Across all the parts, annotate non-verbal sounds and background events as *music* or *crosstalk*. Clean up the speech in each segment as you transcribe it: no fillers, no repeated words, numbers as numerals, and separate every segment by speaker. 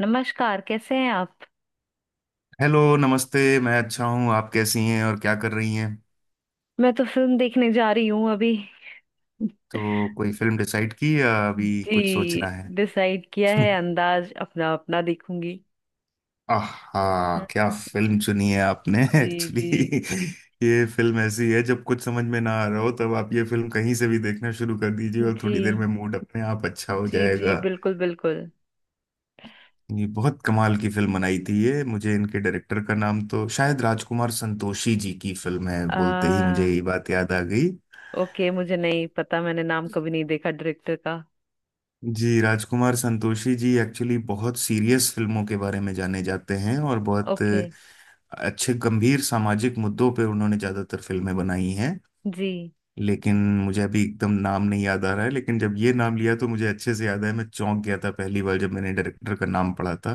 Speaker 1: नमस्कार, कैसे हैं आप।
Speaker 2: हेलो नमस्ते मैं अच्छा हूँ। आप कैसी हैं और क्या कर रही हैं।
Speaker 1: मैं तो फिल्म देखने जा रही हूँ अभी।
Speaker 2: तो कोई फिल्म डिसाइड की या अभी कुछ सोचना
Speaker 1: जी,
Speaker 2: है।
Speaker 1: डिसाइड किया
Speaker 2: *laughs*
Speaker 1: है, अंदाज अपना अपना देखूंगी।
Speaker 2: आहा क्या
Speaker 1: *laughs*
Speaker 2: फिल्म चुनी है आपने। *laughs*
Speaker 1: जी जी
Speaker 2: एक्चुअली ये फिल्म ऐसी है जब कुछ समझ में ना आ रहा हो तब आप ये फिल्म कहीं से भी देखना शुरू कर दीजिए और थोड़ी देर
Speaker 1: जी
Speaker 2: में मूड अपने आप अच्छा हो
Speaker 1: जी जी
Speaker 2: जाएगा।
Speaker 1: बिल्कुल बिल्कुल।
Speaker 2: ये बहुत कमाल की फिल्म बनाई थी। ये मुझे इनके डायरेक्टर का नाम तो शायद राजकुमार संतोषी जी की फिल्म है, बोलते ही मुझे
Speaker 1: आ
Speaker 2: ये बात याद आ गई।
Speaker 1: ओके, मुझे नहीं पता, मैंने नाम कभी नहीं देखा डायरेक्टर का।
Speaker 2: जी राजकुमार संतोषी जी एक्चुअली बहुत सीरियस फिल्मों के बारे में जाने जाते हैं और बहुत
Speaker 1: ओके।
Speaker 2: अच्छे गंभीर सामाजिक मुद्दों पे उन्होंने ज़्यादातर फिल्में बनाई हैं,
Speaker 1: जी
Speaker 2: लेकिन मुझे अभी एकदम नाम नहीं याद आ रहा है, लेकिन जब ये नाम लिया तो मुझे अच्छे से याद है। मैं चौंक गया था पहली बार जब मैंने डायरेक्टर का नाम पढ़ा था,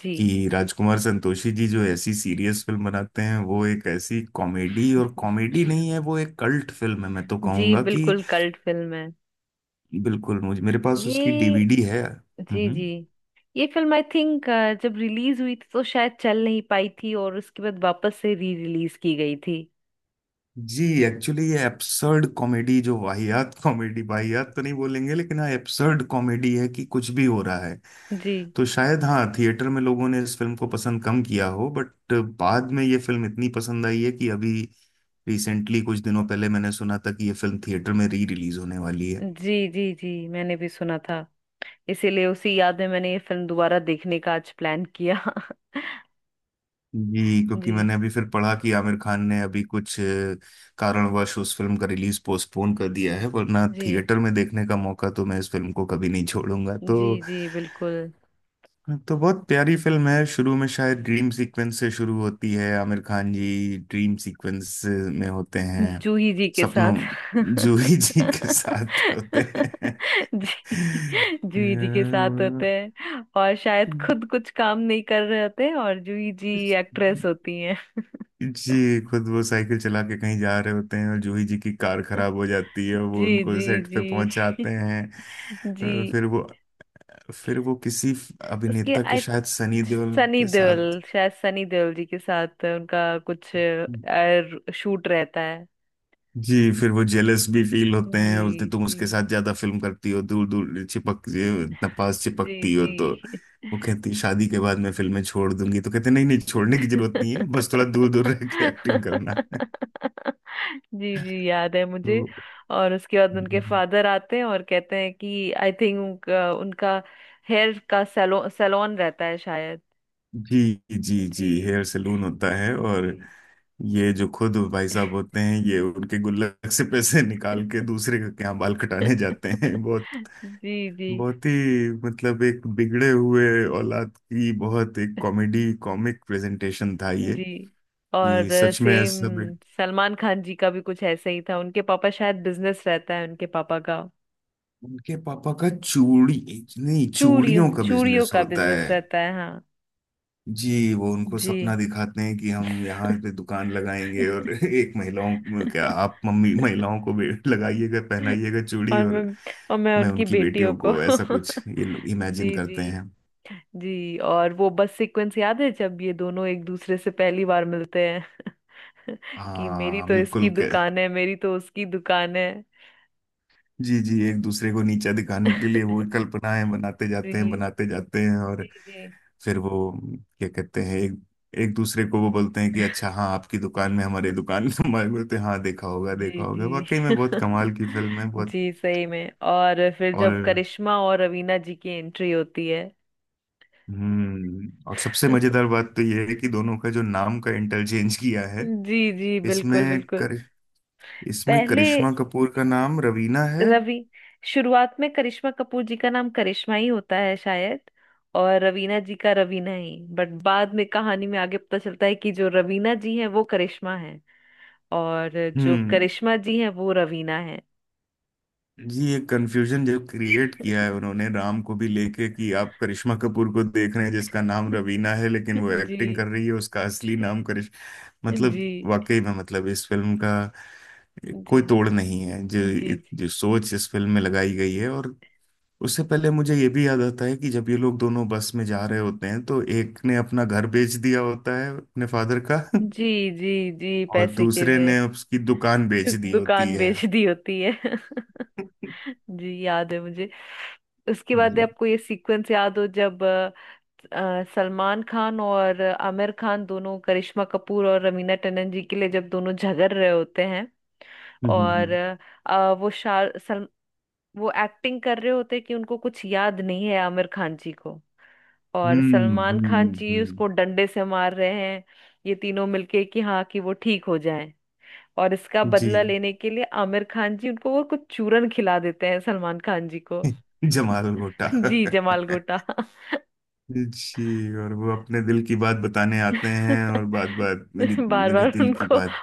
Speaker 1: जी
Speaker 2: कि राजकुमार संतोषी जी जो ऐसी सीरियस फिल्म बनाते हैं वो एक ऐसी कॉमेडी, और कॉमेडी नहीं है, वो एक कल्ट फिल्म है मैं तो
Speaker 1: जी
Speaker 2: कहूँगा कि।
Speaker 1: बिल्कुल कल्ट फिल्म है
Speaker 2: बिल्कुल, मुझे मेरे पास उसकी
Speaker 1: ये।
Speaker 2: डीवीडी है।
Speaker 1: जी
Speaker 2: हम्म।
Speaker 1: जी ये फिल्म आई थिंक जब रिलीज हुई थी तो शायद चल नहीं पाई थी और उसके बाद वापस से री रिलीज की गई थी।
Speaker 2: जी एक्चुअली ये एब्सर्ड कॉमेडी जो, वाहियात कॉमेडी, वाहियात तो नहीं बोलेंगे, लेकिन हाँ एब्सर्ड कॉमेडी है कि कुछ भी हो रहा है।
Speaker 1: जी
Speaker 2: तो शायद हाँ थिएटर में लोगों ने इस फिल्म को पसंद कम किया हो, बट बाद में ये फिल्म इतनी पसंद आई है कि अभी रिसेंटली कुछ दिनों पहले मैंने सुना था कि ये फिल्म थिएटर में री रिलीज होने वाली है।
Speaker 1: जी जी। जी, मैंने भी सुना था, इसीलिए उसी याद में मैंने ये फिल्म दोबारा देखने का आज प्लान किया। *laughs*
Speaker 2: जी
Speaker 1: जी
Speaker 2: क्योंकि मैंने अभी फिर पढ़ा कि आमिर खान ने अभी कुछ कारणवश उस फिल्म का रिलीज पोस्टपोन कर दिया है वरना
Speaker 1: जी
Speaker 2: थिएटर में देखने का मौका तो मैं इस फिल्म को कभी नहीं छोड़ूंगा। तो
Speaker 1: जी। जी बिल्कुल।
Speaker 2: तो बहुत प्यारी फिल्म है। शुरू में शायद ड्रीम सीक्वेंस से शुरू होती है, आमिर खान जी ड्रीम सीक्वेंस में होते हैं।
Speaker 1: जूही जी के साथ।
Speaker 2: सपनों
Speaker 1: *laughs*
Speaker 2: जूही *laughs* जी के साथ होते हैं।
Speaker 1: जी। जूही जी के साथ होते हैं और शायद खुद कुछ काम नहीं कर रहे होते हैं, और जूही जी एक्ट्रेस होती हैं।
Speaker 2: जी खुद वो साइकिल चला के कहीं जा रहे होते हैं और जूही जी की कार खराब हो जाती है, वो
Speaker 1: जी
Speaker 2: उनको
Speaker 1: जी
Speaker 2: सेट पे
Speaker 1: जी।
Speaker 2: पहुंचाते
Speaker 1: *laughs* जी।
Speaker 2: हैं, फिर वो किसी
Speaker 1: उसके
Speaker 2: अभिनेता के,
Speaker 1: आई
Speaker 2: शायद सनी देओल
Speaker 1: सनी
Speaker 2: के साथ।
Speaker 1: देओल, शायद सनी देओल जी के साथ उनका कुछ शूट रहता है।
Speaker 2: जी फिर वो जेलस भी फील होते
Speaker 1: जी
Speaker 2: हैं, बोलते तुम
Speaker 1: जी
Speaker 2: उसके साथ ज्यादा फिल्म करती हो, दूर दूर चिपक, इतना पास
Speaker 1: जी
Speaker 2: चिपकती हो
Speaker 1: जी
Speaker 2: तो। वो कहती शादी के बाद मैं फिल्में छोड़ दूंगी, तो कहते नहीं नहीं छोड़ने की जरूरत नहीं है, बस थोड़ा दूर दूर रह के एक्टिंग करना है।
Speaker 1: जी जी, याद है मुझे।
Speaker 2: तो
Speaker 1: और उसके बाद उनके फादर आते हैं और कहते हैं कि आई थिंक उनका हेयर का सैलो सैलून रहता है शायद।
Speaker 2: जी जी जी,
Speaker 1: जी
Speaker 2: हेयर सैलून होता है। और
Speaker 1: जी
Speaker 2: ये जो खुद भाई साहब होते हैं ये उनके गुल्लक से पैसे निकाल के दूसरे के यहाँ बाल कटाने जाते हैं।
Speaker 1: *laughs*
Speaker 2: बहुत
Speaker 1: जी जी
Speaker 2: बहुत ही मतलब एक बिगड़े हुए औलाद की बहुत एक कॉमेडी, कॉमिक प्रेजेंटेशन था ये,
Speaker 1: जी। और
Speaker 2: कि सच में
Speaker 1: सेम,
Speaker 2: सब।
Speaker 1: सलमान खान जी का भी कुछ ऐसा ही था, उनके पापा शायद बिजनेस रहता है, उनके पापा का
Speaker 2: उनके पापा का चूड़ी, नहीं
Speaker 1: चूड़ियों
Speaker 2: चूड़ियों का
Speaker 1: चूड़ियों
Speaker 2: बिजनेस
Speaker 1: का
Speaker 2: होता
Speaker 1: बिजनेस
Speaker 2: है।
Speaker 1: रहता है हाँ।
Speaker 2: जी वो उनको
Speaker 1: जी।
Speaker 2: सपना दिखाते हैं कि हम यहाँ पे दुकान लगाएंगे और *laughs* एक महिलाओं को- क्या आप
Speaker 1: *laughs*
Speaker 2: मम्मी, महिलाओं को भी लगाइएगा पहनाइएगा चूड़ी,
Speaker 1: और मैं
Speaker 2: और
Speaker 1: और मैं
Speaker 2: मैं
Speaker 1: उनकी
Speaker 2: उनकी
Speaker 1: बेटियों
Speaker 2: बेटियों
Speaker 1: को।
Speaker 2: को, ऐसा कुछ ये लोग
Speaker 1: *laughs*
Speaker 2: इमेजिन
Speaker 1: जी जी
Speaker 2: करते हैं।
Speaker 1: जी। और वो बस सीक्वेंस याद है जब ये दोनों एक दूसरे से पहली बार मिलते हैं। *laughs* कि मेरी
Speaker 2: हाँ
Speaker 1: तो इसकी
Speaker 2: बिल्कुल।
Speaker 1: दुकान है, मेरी तो उसकी दुकान है।
Speaker 2: जी जी एक दूसरे को नीचा दिखाने के लिए वो
Speaker 1: *laughs*
Speaker 2: कल्पनाएं बनाते जाते हैं
Speaker 1: जी
Speaker 2: बनाते जाते हैं।
Speaker 1: जी
Speaker 2: और
Speaker 1: जी
Speaker 2: फिर वो क्या कहते हैं, एक एक दूसरे को वो बोलते हैं कि अच्छा हाँ आपकी दुकान में, हमारी दुकान में हमारे, बोलते हैं हाँ देखा होगा देखा
Speaker 1: जी
Speaker 2: होगा। वाकई
Speaker 1: जी
Speaker 2: में बहुत
Speaker 1: *laughs*
Speaker 2: कमाल की फिल्म है बहुत।
Speaker 1: जी सही में। और फिर जब
Speaker 2: और
Speaker 1: करिश्मा और रवीना जी की एंट्री होती है।
Speaker 2: और सबसे
Speaker 1: *laughs*
Speaker 2: मजेदार बात तो ये है कि दोनों का जो नाम का इंटरचेंज किया है
Speaker 1: जी जी
Speaker 2: इसमें।
Speaker 1: बिल्कुल बिल्कुल।
Speaker 2: कर इसमें
Speaker 1: पहले
Speaker 2: करिश्मा कपूर का नाम रवीना है।
Speaker 1: रवि शुरुआत में करिश्मा कपूर जी का नाम करिश्मा ही होता है शायद, और रवीना जी का रवीना ही, बट बाद में कहानी में आगे पता चलता है कि जो रवीना जी हैं वो करिश्मा हैं, और जो
Speaker 2: हम्म
Speaker 1: करिश्मा जी हैं वो रवीना हैं।
Speaker 2: जी ये कंफ्यूजन जो क्रिएट किया है उन्होंने राम को भी लेके, कि आप करिश्मा कपूर को देख रहे हैं जिसका नाम रवीना है, लेकिन
Speaker 1: *laughs*
Speaker 2: वो एक्टिंग
Speaker 1: जी
Speaker 2: कर रही है उसका असली नाम करिश
Speaker 1: जी
Speaker 2: मतलब,
Speaker 1: जी
Speaker 2: वाकई में मतलब इस फिल्म का कोई
Speaker 1: जी
Speaker 2: तोड़ नहीं है, जो
Speaker 1: जी
Speaker 2: जो सोच इस फिल्म में लगाई गई है। और उससे पहले मुझे ये भी याद आता है कि जब ये लोग दोनों बस में जा रहे होते हैं तो एक ने अपना घर बेच दिया होता है अपने फादर का, *laughs*
Speaker 1: जी जी जी
Speaker 2: और
Speaker 1: पैसे के
Speaker 2: दूसरे
Speaker 1: लिए।
Speaker 2: ने उसकी दुकान बेच दी होती
Speaker 1: दुकान
Speaker 2: है।
Speaker 1: बेच दी होती है। *laughs*
Speaker 2: *laughs*
Speaker 1: जी, याद है मुझे।
Speaker 2: जी।
Speaker 1: आपको ये सीक्वेंस याद हो जब सलमान खान और आमिर खान दोनों करिश्मा कपूर और रवीना टंडन जी के लिए जब दोनों झगड़ रहे होते हैं।
Speaker 2: हम्म हम्म,
Speaker 1: और
Speaker 2: हम्म।
Speaker 1: अ, वो शार सल, वो एक्टिंग कर रहे होते हैं कि उनको कुछ याद नहीं है, आमिर खान जी को, और
Speaker 2: हम्म
Speaker 1: सलमान
Speaker 2: हम्म
Speaker 1: खान जी
Speaker 2: हम्म,
Speaker 1: उसको डंडे से मार रहे हैं, ये तीनों मिलके कि हाँ कि वो ठीक हो जाए। और इसका
Speaker 2: जी।
Speaker 1: बदला लेने के लिए आमिर खान जी उनको वो कुछ चूरन खिला देते हैं, सलमान खान जी को।
Speaker 2: *laughs* जमाल भुट्टा।
Speaker 1: *laughs* जी, जमाल
Speaker 2: *laughs*
Speaker 1: गोटा। *laughs*
Speaker 2: जी, और वो अपने दिल की बात बताने आते हैं, और बात बात मेरी
Speaker 1: बार
Speaker 2: मेरे
Speaker 1: बार
Speaker 2: दिल की
Speaker 1: उनको।
Speaker 2: बात।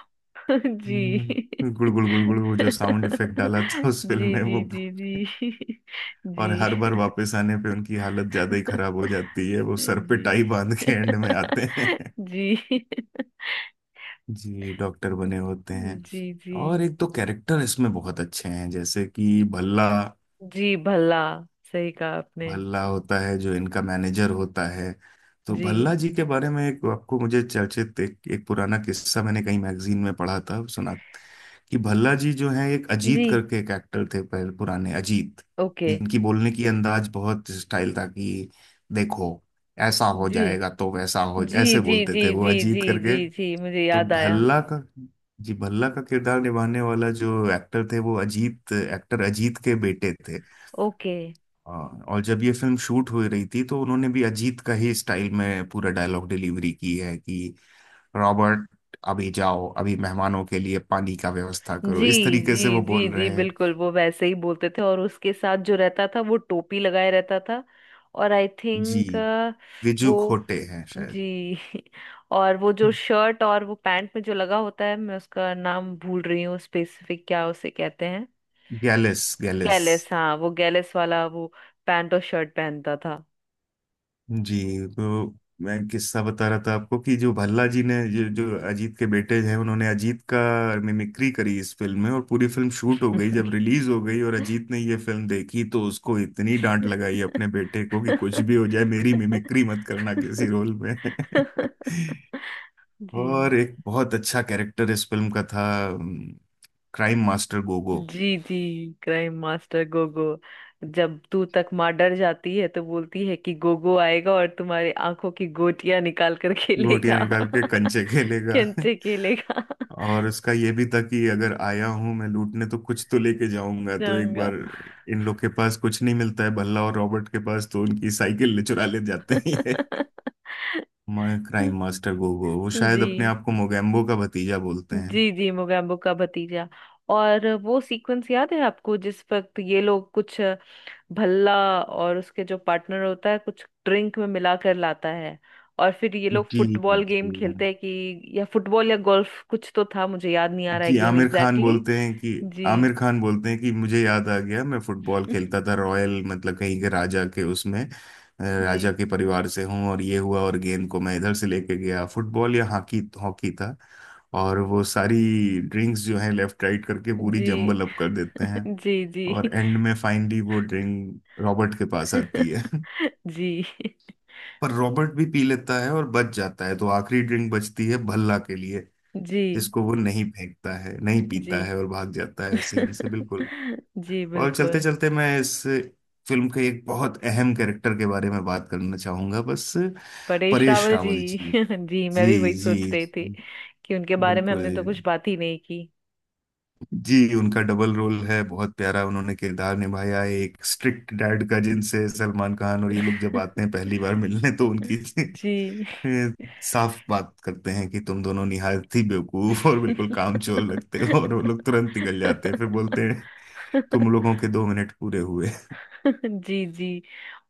Speaker 1: *laughs* जी *laughs*
Speaker 2: गुड़ गुड़ गुड़ गुड़, वो जो साउंड इफेक्ट डाला था उस फिल्म
Speaker 1: जी
Speaker 2: में वो।
Speaker 1: जी जी जी *laughs*
Speaker 2: *laughs* और
Speaker 1: जी
Speaker 2: हर
Speaker 1: *laughs*
Speaker 2: बार वापस आने पे उनकी हालत ज्यादा ही खराब हो जाती है, वो सर पे
Speaker 1: जी
Speaker 2: टाई बांध के एंड में आते
Speaker 1: *laughs*
Speaker 2: हैं।
Speaker 1: जी *laughs*
Speaker 2: *laughs* जी डॉक्टर बने होते हैं।
Speaker 1: जी जी
Speaker 2: और एक तो कैरेक्टर इसमें बहुत अच्छे हैं, जैसे कि भल्ला।
Speaker 1: जी भला, सही कहा आपने।
Speaker 2: भल्ला होता है जो इनका मैनेजर होता है। तो
Speaker 1: जी
Speaker 2: भल्ला जी के बारे में एक आपको, मुझे चर्चित एक पुराना किस्सा मैंने कहीं मैगजीन में पढ़ा था, सुना कि भल्ला जी जो है, एक
Speaker 1: जी।
Speaker 2: अजीत करके एक एक्टर थे पहले, पुराने अजीत,
Speaker 1: ओके।
Speaker 2: जिनकी बोलने की अंदाज बहुत स्टाइल था कि, देखो ऐसा हो
Speaker 1: जी
Speaker 2: जाएगा तो वैसा हो,
Speaker 1: जी
Speaker 2: ऐसे
Speaker 1: जी
Speaker 2: बोलते
Speaker 1: जी
Speaker 2: थे वो
Speaker 1: जी जी
Speaker 2: अजीत करके।
Speaker 1: जी जी मुझे
Speaker 2: तो
Speaker 1: याद आया।
Speaker 2: भल्ला का जी भल्ला का किरदार निभाने वाला जो एक्टर थे वो अजीत, एक्टर अजीत के बेटे थे।
Speaker 1: ओके।
Speaker 2: हाँ, और जब ये फिल्म शूट हो रही थी तो उन्होंने भी अजीत का ही स्टाइल में पूरा डायलॉग डिलीवरी की है कि, रॉबर्ट अभी जाओ, अभी मेहमानों के लिए पानी का व्यवस्था
Speaker 1: जी
Speaker 2: करो, इस तरीके से
Speaker 1: जी
Speaker 2: वो
Speaker 1: जी
Speaker 2: बोल
Speaker 1: जी
Speaker 2: रहे हैं।
Speaker 1: बिल्कुल, वो वैसे ही बोलते थे, और उसके साथ जो रहता था वो टोपी लगाए रहता था, और आई
Speaker 2: जी
Speaker 1: थिंक
Speaker 2: विजू
Speaker 1: वो।
Speaker 2: खोटे हैं शायद।
Speaker 1: जी। *laughs* और वो जो शर्ट और वो पैंट में जो लगा होता है, मैं उसका नाम भूल रही हूँ, स्पेसिफिक क्या उसे कहते हैं।
Speaker 2: गैलिस, गैलिस।
Speaker 1: गैलेस, हाँ वो गैलेस वाला वो पैंट और शर्ट पहनता था।
Speaker 2: जी तो मैं किस्सा बता रहा था आपको कि, जो भल्ला जी ने, जो जो अजीत के बेटे हैं, उन्होंने अजीत का मिमिक्री करी इस फिल्म में, और पूरी फिल्म शूट हो गई, जब रिलीज हो गई और अजीत ने ये फिल्म देखी तो उसको इतनी डांट लगाई
Speaker 1: *laughs*
Speaker 2: अपने बेटे को कि, कुछ भी हो जाए मेरी मिमिक्री मत करना किसी
Speaker 1: *laughs*
Speaker 2: रोल में।
Speaker 1: जी
Speaker 2: *laughs* और एक बहुत अच्छा कैरेक्टर इस फिल्म का था, क्राइम मास्टर गोगो।
Speaker 1: जी जी क्राइम मास्टर गोगो। जब तू तक माँ डर जाती है तो बोलती है कि गोगो आएगा और तुम्हारी आंखों की गोटियां निकाल कर
Speaker 2: गोटियां
Speaker 1: खेलेगा।
Speaker 2: निकाल के
Speaker 1: *laughs*
Speaker 2: कंचे खेलेगा।
Speaker 1: कंचे खेलेगा।
Speaker 2: और उसका ये भी था कि, अगर आया हूं मैं लूटने तो कुछ तो लेके जाऊंगा, तो एक
Speaker 1: जाऊंगा।
Speaker 2: बार इन लोग के पास कुछ नहीं मिलता है, भल्ला और रॉबर्ट के पास, तो उनकी साइकिल ले, चुरा ले जाते हैं ये।
Speaker 1: *laughs*
Speaker 2: मैं क्राइम मास्टर गोगो वो शायद अपने
Speaker 1: जी
Speaker 2: आप को मोगैम्बो का भतीजा बोलते हैं।
Speaker 1: जी जी मोगैम्बो का भतीजा। और वो सीक्वेंस याद है आपको जिस वक्त ये लोग कुछ, भल्ला और उसके जो पार्टनर होता है, कुछ ड्रिंक में मिला कर लाता है, और फिर ये लोग
Speaker 2: जी
Speaker 1: फुटबॉल गेम
Speaker 2: जी
Speaker 1: खेलते हैं कि या फुटबॉल या गोल्फ कुछ तो था, मुझे याद नहीं आ रहा है
Speaker 2: जी।
Speaker 1: Game exactly. जी
Speaker 2: आमिर खान बोलते हैं कि मुझे याद आ गया, मैं फुटबॉल खेलता
Speaker 1: *laughs*
Speaker 2: था रॉयल, मतलब कहीं के राजा के उसमें
Speaker 1: जी
Speaker 2: राजा के परिवार से हूँ, और ये हुआ और गेंद को मैं इधर से लेके गया, फुटबॉल या हॉकी, हॉकी था। और वो सारी ड्रिंक्स जो है लेफ्ट राइट करके पूरी
Speaker 1: जी
Speaker 2: जम्बल अप कर देते
Speaker 1: *laughs*
Speaker 2: हैं।
Speaker 1: जी
Speaker 2: और
Speaker 1: जी
Speaker 2: एंड में फाइनली वो ड्रिंक रॉबर्ट के पास आती है। *laughs*
Speaker 1: *laughs* जी
Speaker 2: पर रॉबर्ट भी पी लेता है और बच जाता है, तो आखिरी ड्रिंक बचती है भल्ला के लिए,
Speaker 1: जी
Speaker 2: जिसको वो नहीं फेंकता है, नहीं
Speaker 1: जी
Speaker 2: पीता है और भाग जाता है सीन से, बिल्कुल।
Speaker 1: *laughs* जी
Speaker 2: और चलते
Speaker 1: बिल्कुल।
Speaker 2: चलते मैं इस फिल्म के एक बहुत अहम कैरेक्टर के बारे में बात करना चाहूंगा बस।
Speaker 1: परेश
Speaker 2: परेश
Speaker 1: रावल जी।
Speaker 2: रावल जी।
Speaker 1: *laughs* जी, मैं भी
Speaker 2: जी
Speaker 1: वही सोच
Speaker 2: जी
Speaker 1: रही थी,
Speaker 2: जी,
Speaker 1: कि उनके बारे में हमने
Speaker 2: बिल्कुल।
Speaker 1: तो कुछ बात ही नहीं की।
Speaker 2: जी उनका डबल रोल है, बहुत प्यारा उन्होंने किरदार निभाया है। एक स्ट्रिक्ट डैड का, जिनसे सलमान खान और ये लोग जब आते हैं
Speaker 1: *laughs*
Speaker 2: पहली बार मिलने तो उनकी *laughs*
Speaker 1: जी
Speaker 2: फिर साफ बात करते हैं कि, तुम दोनों निहायत ही बेवकूफ और बिल्कुल कामचोर लगते हो, और वो लोग तुरंत निकल जाते हैं, फिर बोलते
Speaker 1: *laughs*
Speaker 2: हैं तुम लोगों के 2 मिनट पूरे हुए।
Speaker 1: जी जी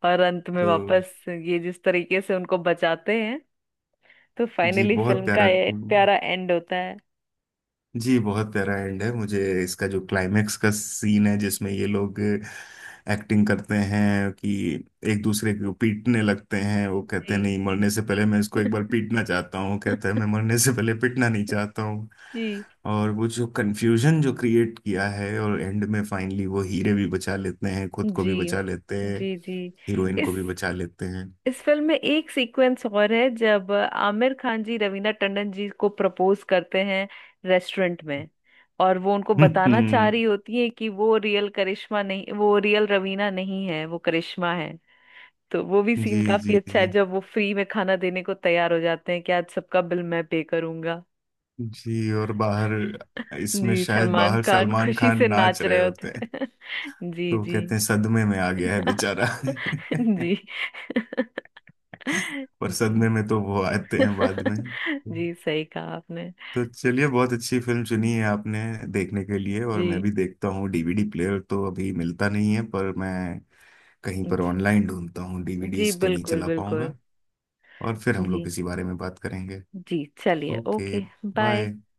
Speaker 1: और अंत में
Speaker 2: तो
Speaker 1: वापस ये जिस तरीके से उनको बचाते हैं, तो
Speaker 2: जी
Speaker 1: फाइनली
Speaker 2: बहुत
Speaker 1: फिल्म का
Speaker 2: प्यारा।
Speaker 1: ये प्यारा एंड होता है।
Speaker 2: जी बहुत प्यारा एंड है, मुझे इसका जो क्लाइमेक्स का सीन है जिसमें ये लोग एक्टिंग करते हैं कि एक दूसरे को पीटने लगते हैं, वो कहते हैं
Speaker 1: जी
Speaker 2: नहीं मरने से पहले मैं इसको एक
Speaker 1: *laughs*
Speaker 2: बार पीटना चाहता हूँ, कहता है मैं मरने से पहले पीटना नहीं चाहता हूँ।
Speaker 1: जी
Speaker 2: और वो जो कन्फ्यूजन जो क्रिएट किया है, और एंड में फाइनली वो हीरे भी बचा लेते हैं, खुद को भी
Speaker 1: जी
Speaker 2: बचा लेते हैं,
Speaker 1: जी जी
Speaker 2: हीरोइन को
Speaker 1: इस
Speaker 2: भी बचा लेते हैं।
Speaker 1: इस फिल्म में एक सीक्वेंस और है जब आमिर खान जी रवीना टंडन जी को प्रपोज करते हैं रेस्टोरेंट में, और वो उनको बताना चाह रही
Speaker 2: *laughs*
Speaker 1: होती है कि वो रियल करिश्मा नहीं, वो रियल रवीना नहीं है, वो करिश्मा है। तो वो भी सीन
Speaker 2: जी
Speaker 1: काफी
Speaker 2: जी
Speaker 1: अच्छा है
Speaker 2: जी
Speaker 1: जब वो फ्री में खाना देने को तैयार हो जाते हैं कि आज सबका बिल मैं पे करूंगा।
Speaker 2: जी। और बाहर
Speaker 1: *laughs*
Speaker 2: इसमें
Speaker 1: जी,
Speaker 2: शायद
Speaker 1: सलमान
Speaker 2: बाहर
Speaker 1: खान
Speaker 2: सलमान
Speaker 1: खुशी
Speaker 2: खान
Speaker 1: से
Speaker 2: नाच
Speaker 1: नाच
Speaker 2: रहे
Speaker 1: रहे होते
Speaker 2: होते हैं।
Speaker 1: हैं। *laughs* जी
Speaker 2: तो वो
Speaker 1: जी
Speaker 2: कहते हैं सदमे में आ गया है बेचारा। *laughs*
Speaker 1: *laughs* जी *laughs*
Speaker 2: पर
Speaker 1: जी
Speaker 2: सदमे में तो वो आते हैं बाद में।
Speaker 1: *laughs* जी सही कहा आपने।
Speaker 2: तो चलिए बहुत अच्छी फिल्म चुनी है आपने देखने के लिए, और मैं
Speaker 1: जी
Speaker 2: भी देखता हूँ। डीवीडी प्लेयर तो अभी मिलता नहीं है पर मैं कहीं पर
Speaker 1: जी
Speaker 2: ऑनलाइन ढूंढता हूँ,
Speaker 1: जी
Speaker 2: डीवीडीज तो नहीं
Speaker 1: बिल्कुल
Speaker 2: चला
Speaker 1: बिल्कुल।
Speaker 2: पाऊंगा। और फिर हम लोग
Speaker 1: जी
Speaker 2: इसी बारे में बात करेंगे।
Speaker 1: जी, चलिए
Speaker 2: ओके।
Speaker 1: ओके। बाय।
Speaker 2: बाय।